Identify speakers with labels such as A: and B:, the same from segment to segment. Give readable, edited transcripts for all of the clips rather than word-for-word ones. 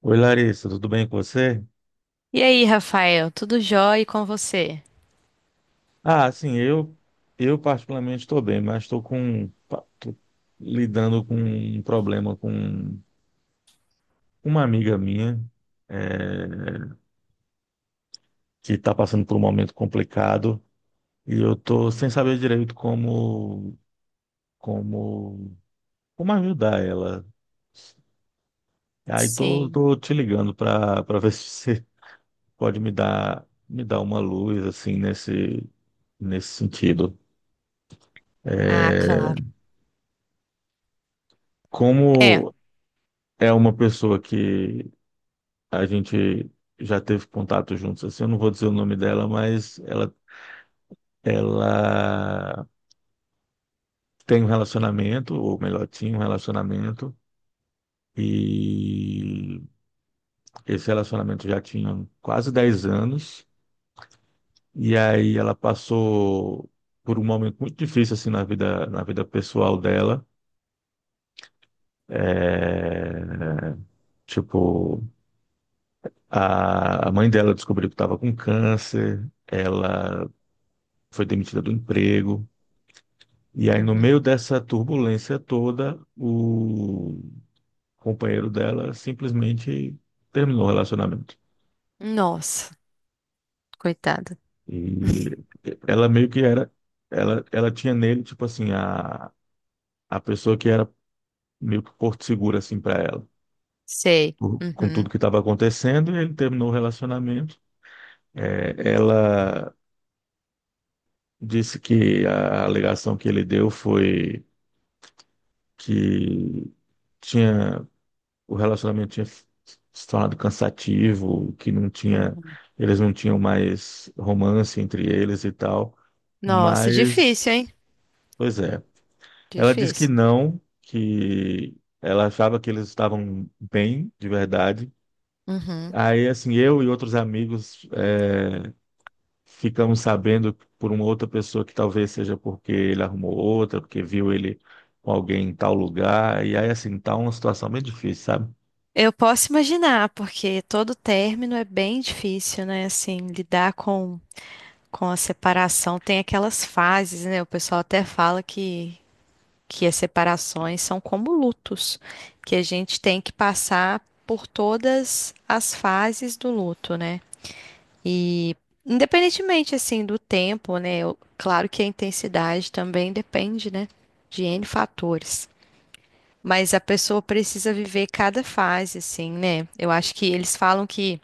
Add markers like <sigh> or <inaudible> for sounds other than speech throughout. A: Oi, Larissa, tudo bem com você?
B: E aí, Rafael, tudo jóia e com você?
A: Ah, sim, eu particularmente estou bem, mas estou com tô lidando com um problema com uma amiga minha eh, que está passando por um momento complicado e eu estou sem saber direito como como ajudar ela. Aí
B: Sim.
A: tô te ligando para ver <laughs> se você pode me dar uma luz assim nesse sentido.
B: Ah,
A: Eh,
B: claro. É.
A: como é uma pessoa que a gente já teve contato juntos, assim, eu não vou dizer o nome dela, ela tem um relacionamento, ou melhor, tinha um relacionamento, e esse relacionamento já tinha quase 10 anos, e aí ela passou por um momento muito difícil, assim, na vida pessoal dela. É, tipo, a mãe dela descobriu que estava com câncer, ela foi demitida do emprego. E aí, no meio
B: Uhum.
A: dessa turbulência toda, o companheiro dela simplesmente terminou o relacionamento.
B: Nossa, coitada.
A: E
B: <laughs>
A: ela meio que era, ela tinha nele, tipo assim, a pessoa que era meio que porto seguro, assim, para ela,
B: Sei.
A: com tudo
B: Uhum.
A: que estava acontecendo, e ele terminou o relacionamento. É, ela disse que a alegação que ele deu foi que tinha o relacionamento tinha se tornado cansativo, que não tinha,
B: Uhum.
A: eles não tinham mais romance entre eles e tal.
B: Nossa, difícil,
A: Mas,
B: hein?
A: pois é. Ela disse que
B: Difícil.
A: não, que ela achava que eles estavam bem, de verdade.
B: Uhum.
A: Aí, assim, eu e outros amigos ficamos sabendo por uma outra pessoa que talvez seja porque ele arrumou outra, porque viu ele com alguém em tal lugar. E aí, assim, tá uma situação bem difícil, sabe?
B: Eu posso imaginar, porque todo término é bem difícil, né? Assim, lidar com a separação tem aquelas fases, né? O pessoal até fala que as separações são como lutos, que a gente tem que passar por todas as fases do luto, né? E independentemente assim do tempo, né? Claro que a intensidade também depende, né? De N fatores. Mas a pessoa precisa viver cada fase, assim, né? Eu acho que eles falam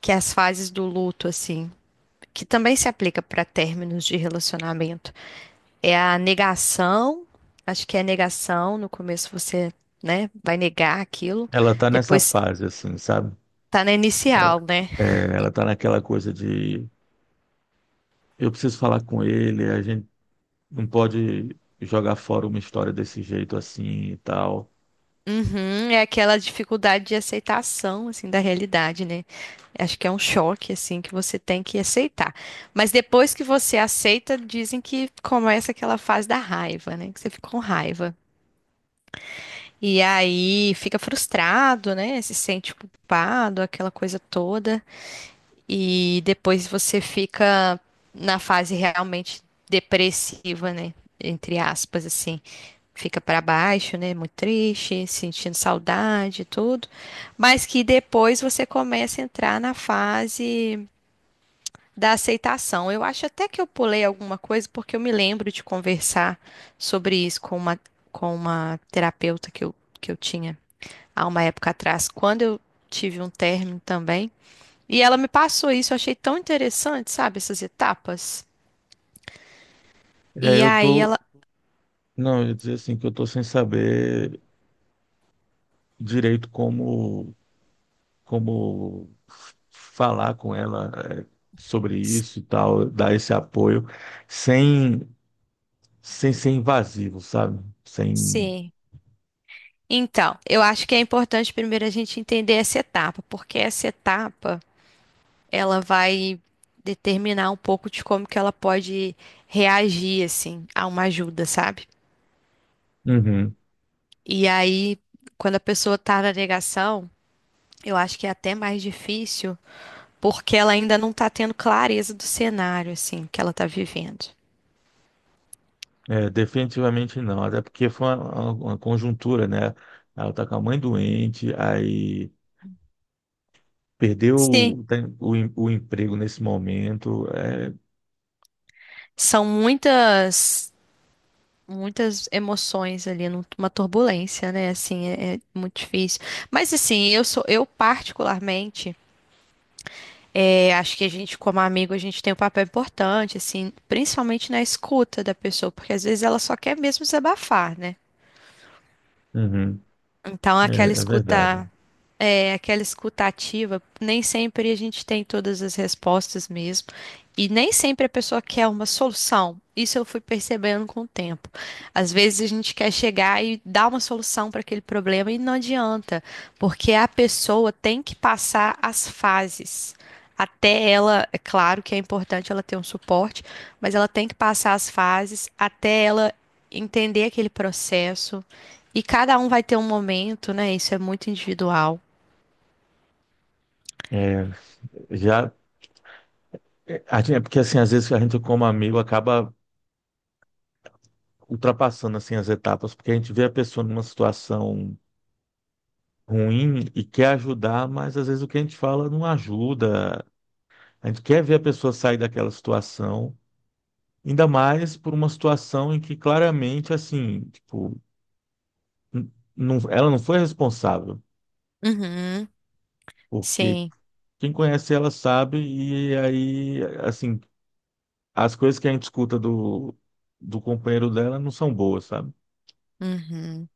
B: que as fases do luto, assim, que também se aplica para términos de relacionamento. É a negação, acho que é a negação, no começo você, né, vai negar aquilo,
A: Ela tá nessa
B: depois
A: fase, assim, sabe?
B: tá na inicial, né?
A: É, ela tá naquela coisa de eu preciso falar com ele, a gente não pode jogar fora uma história desse jeito assim e tal.
B: Uhum, é aquela dificuldade de aceitação, assim, da realidade, né? Acho que é um choque, assim, que você tem que aceitar. Mas depois que você aceita, dizem que começa aquela fase da raiva, né? Que você fica com raiva. E aí fica frustrado, né? Se sente culpado, aquela coisa toda. E depois você fica na fase realmente depressiva, né? Entre aspas, assim. Fica pra baixo, né? Muito triste, sentindo saudade e tudo. Mas que depois você começa a entrar na fase da aceitação. Eu acho até que eu pulei alguma coisa, porque eu me lembro de conversar sobre isso com uma terapeuta que eu tinha há uma época atrás, quando eu tive um término também. E ela me passou isso, eu achei tão interessante, sabe, essas etapas.
A: É,
B: E
A: eu
B: aí
A: tô,
B: ela.
A: não, eu ia dizer assim que eu tô sem saber direito como falar com ela é, sobre isso e tal, dar esse apoio sem sem ser invasivo, sabe? Sem.
B: Sim. Então, eu acho que é importante primeiro a gente entender essa etapa, porque essa etapa ela vai determinar um pouco de como que ela pode reagir assim a uma ajuda, sabe?
A: Uhum.
B: E aí, quando a pessoa tá na negação, eu acho que é até mais difícil, porque ela ainda não tá tendo clareza do cenário assim que ela tá vivendo.
A: É, definitivamente não, até porque foi uma conjuntura, né? Ela tá com a mãe doente, aí perdeu
B: Sim,
A: o, tem- o, em- o emprego nesse momento. É,
B: são muitas emoções ali, uma turbulência, né? Assim, é muito difícil. Mas assim, eu particularmente, acho que a gente, como amigo, a gente tem um papel importante, assim, principalmente na escuta da pessoa, porque às vezes ela só quer mesmo desabafar, né?
A: uhum,
B: Então, aquela
A: é verdade.
B: escuta, aquela escuta ativa, nem sempre a gente tem todas as respostas mesmo. E nem sempre a pessoa quer uma solução. Isso eu fui percebendo com o tempo. Às vezes a gente quer chegar e dar uma solução para aquele problema e não adianta, porque a pessoa tem que passar as fases. Até ela, é claro que é importante ela ter um suporte, mas ela tem que passar as fases até ela entender aquele processo e cada um vai ter um momento, né? Isso é muito individual.
A: É, já, é, a gente- é porque assim, às vezes a gente como amigo acaba ultrapassando assim as etapas, porque a gente vê a pessoa numa situação ruim e quer ajudar, mas às vezes o que a gente fala não ajuda. A gente quer ver a pessoa sair daquela situação. Ainda mais por uma situação em que claramente, assim, tipo, ela não foi responsável,
B: Uhum,
A: porque
B: sim.
A: quem conhece ela sabe, e aí, assim, as coisas que a gente escuta do companheiro dela não são boas, sabe?
B: Uhum.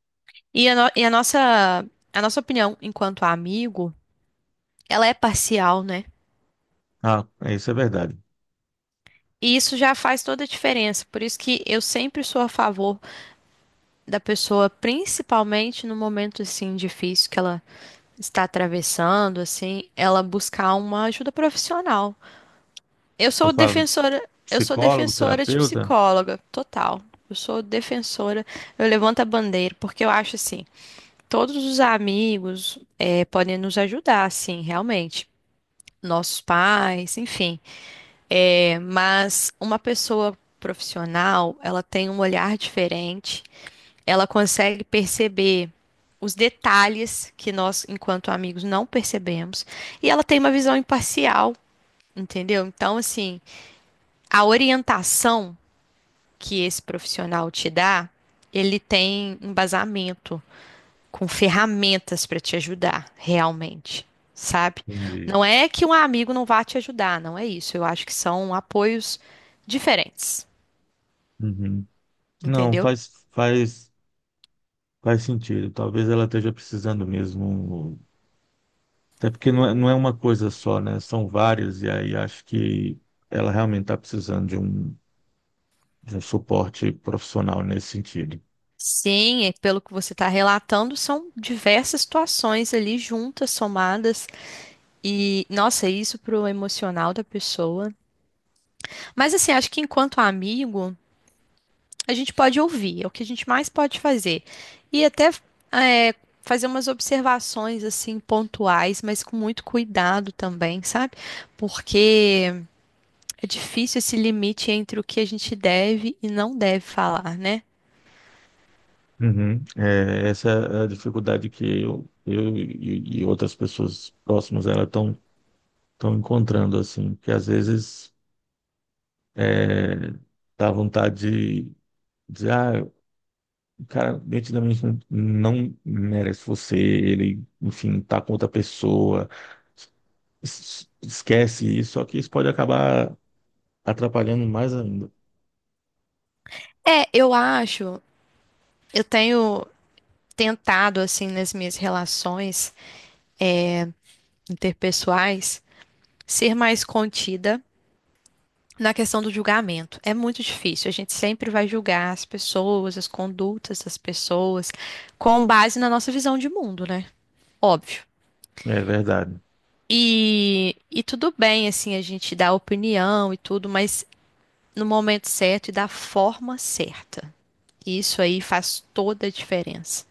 B: E a, no- e a nossa opinião enquanto amigo, ela é parcial, né?
A: Ah, é, isso é verdade.
B: E isso já faz toda a diferença. Por isso que eu sempre sou a favor da pessoa, principalmente no momento assim difícil que ela está atravessando, assim, ela buscar uma ajuda profissional.
A: Você fala
B: Eu sou
A: psicólogo,
B: defensora de
A: terapeuta?
B: psicóloga, total. Eu sou defensora, eu levanto a bandeira, porque eu acho assim, todos os amigos podem nos ajudar, sim, realmente. Nossos pais, enfim. Mas uma pessoa profissional, ela tem um olhar diferente, ela consegue perceber os detalhes que nós, enquanto amigos, não percebemos, e ela tem uma visão imparcial, entendeu? Então, assim, a orientação que esse profissional te dá, ele tem embasamento com ferramentas para te ajudar realmente, sabe?
A: Entendi.
B: Não é que um amigo não vá te ajudar, não é isso. Eu acho que são apoios diferentes,
A: Uhum. Não,
B: entendeu?
A: faz sentido. Talvez ela esteja precisando mesmo. Até porque não é uma coisa só, né? São várias, e aí acho que ela realmente está precisando de um suporte profissional nesse sentido.
B: Sim, é pelo que você está relatando, são diversas situações ali juntas, somadas, e nossa, é isso pro emocional da pessoa. Mas assim, acho que enquanto amigo, a gente pode ouvir, é o que a gente mais pode fazer. E até é, fazer umas observações assim pontuais, mas com muito cuidado também, sabe? Porque é difícil esse limite entre o que a gente deve e não deve falar, né?
A: Uhum. É, essa é a dificuldade que e outras pessoas próximas a ela estão estão encontrando, assim, que às vezes é, dá vontade de dizer, ah, o cara nitidamente não merece você, ele, enfim, tá com outra pessoa, esquece isso, só que isso pode acabar atrapalhando mais ainda.
B: É, eu acho, eu tenho tentado assim nas minhas relações interpessoais ser mais contida na questão do julgamento, é muito difícil. A gente sempre vai julgar as pessoas, as condutas das pessoas, com base na nossa visão de mundo, né? Óbvio.
A: É verdade,
B: E tudo bem, assim, a gente dá opinião e tudo, mas no momento certo e da forma certa. Isso aí faz toda a diferença.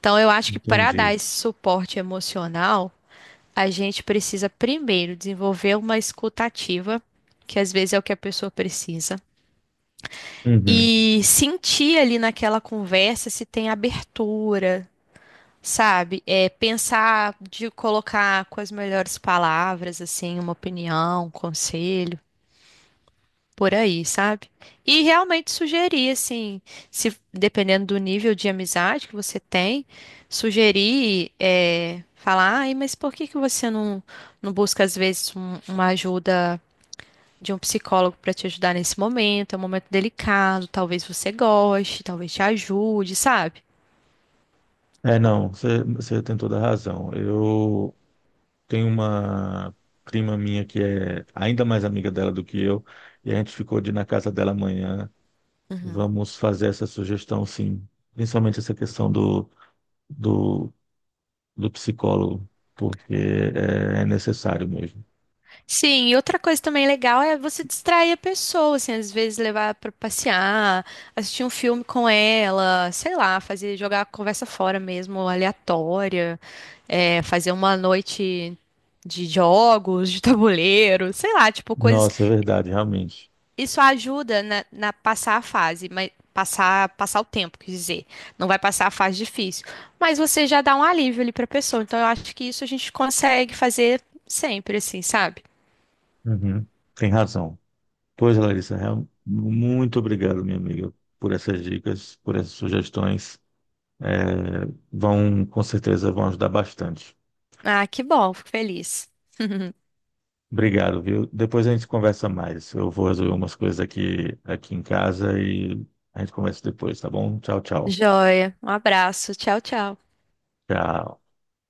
B: Então, eu acho que para
A: entendi.
B: dar esse suporte emocional, a gente precisa primeiro desenvolver uma escutativa, que às vezes é o que a pessoa precisa.
A: Uhum.
B: E sentir ali naquela conversa se tem abertura, sabe? Pensar de colocar com as melhores palavras, assim, uma opinião, um conselho, por aí, sabe? E realmente sugerir, assim, se dependendo do nível de amizade que você tem, sugerir, falar, ai, mas por que que você não, não busca às vezes uma ajuda de um psicólogo para te ajudar nesse momento, é um momento delicado, talvez você goste, talvez te ajude, sabe?
A: É, não, você tem toda a razão. Eu tenho uma prima minha que é ainda mais amiga dela do que eu, e a gente ficou de ir na casa dela amanhã. Vamos fazer essa sugestão, sim. Principalmente essa questão do, do psicólogo, porque é necessário mesmo.
B: Sim, e outra coisa também legal é você distrair a pessoa, assim, às vezes levar para passear, assistir um filme com ela, sei lá, fazer jogar a conversa fora mesmo, aleatória, fazer uma noite de jogos, de tabuleiro, sei lá, tipo coisas.
A: Nossa, é verdade, realmente.
B: Isso ajuda na passar a fase, mas passar, passar o tempo, quer dizer, não vai passar a fase difícil, mas você já dá um alívio ali para a pessoa. Então eu acho que isso a gente consegue fazer sempre, assim, sabe?
A: Uhum. Tem razão. Pois, Larissa, muito obrigado, minha amiga, por essas dicas, por essas sugestões. É, vão, com certeza, vão ajudar bastante.
B: Ah, que bom, fico feliz. <laughs>
A: Obrigado, viu? Depois a gente conversa mais. Eu vou resolver umas coisas aqui em casa e a gente conversa depois, tá bom? Tchau, tchau.
B: Joia, um abraço, tchau, tchau.
A: Tchau.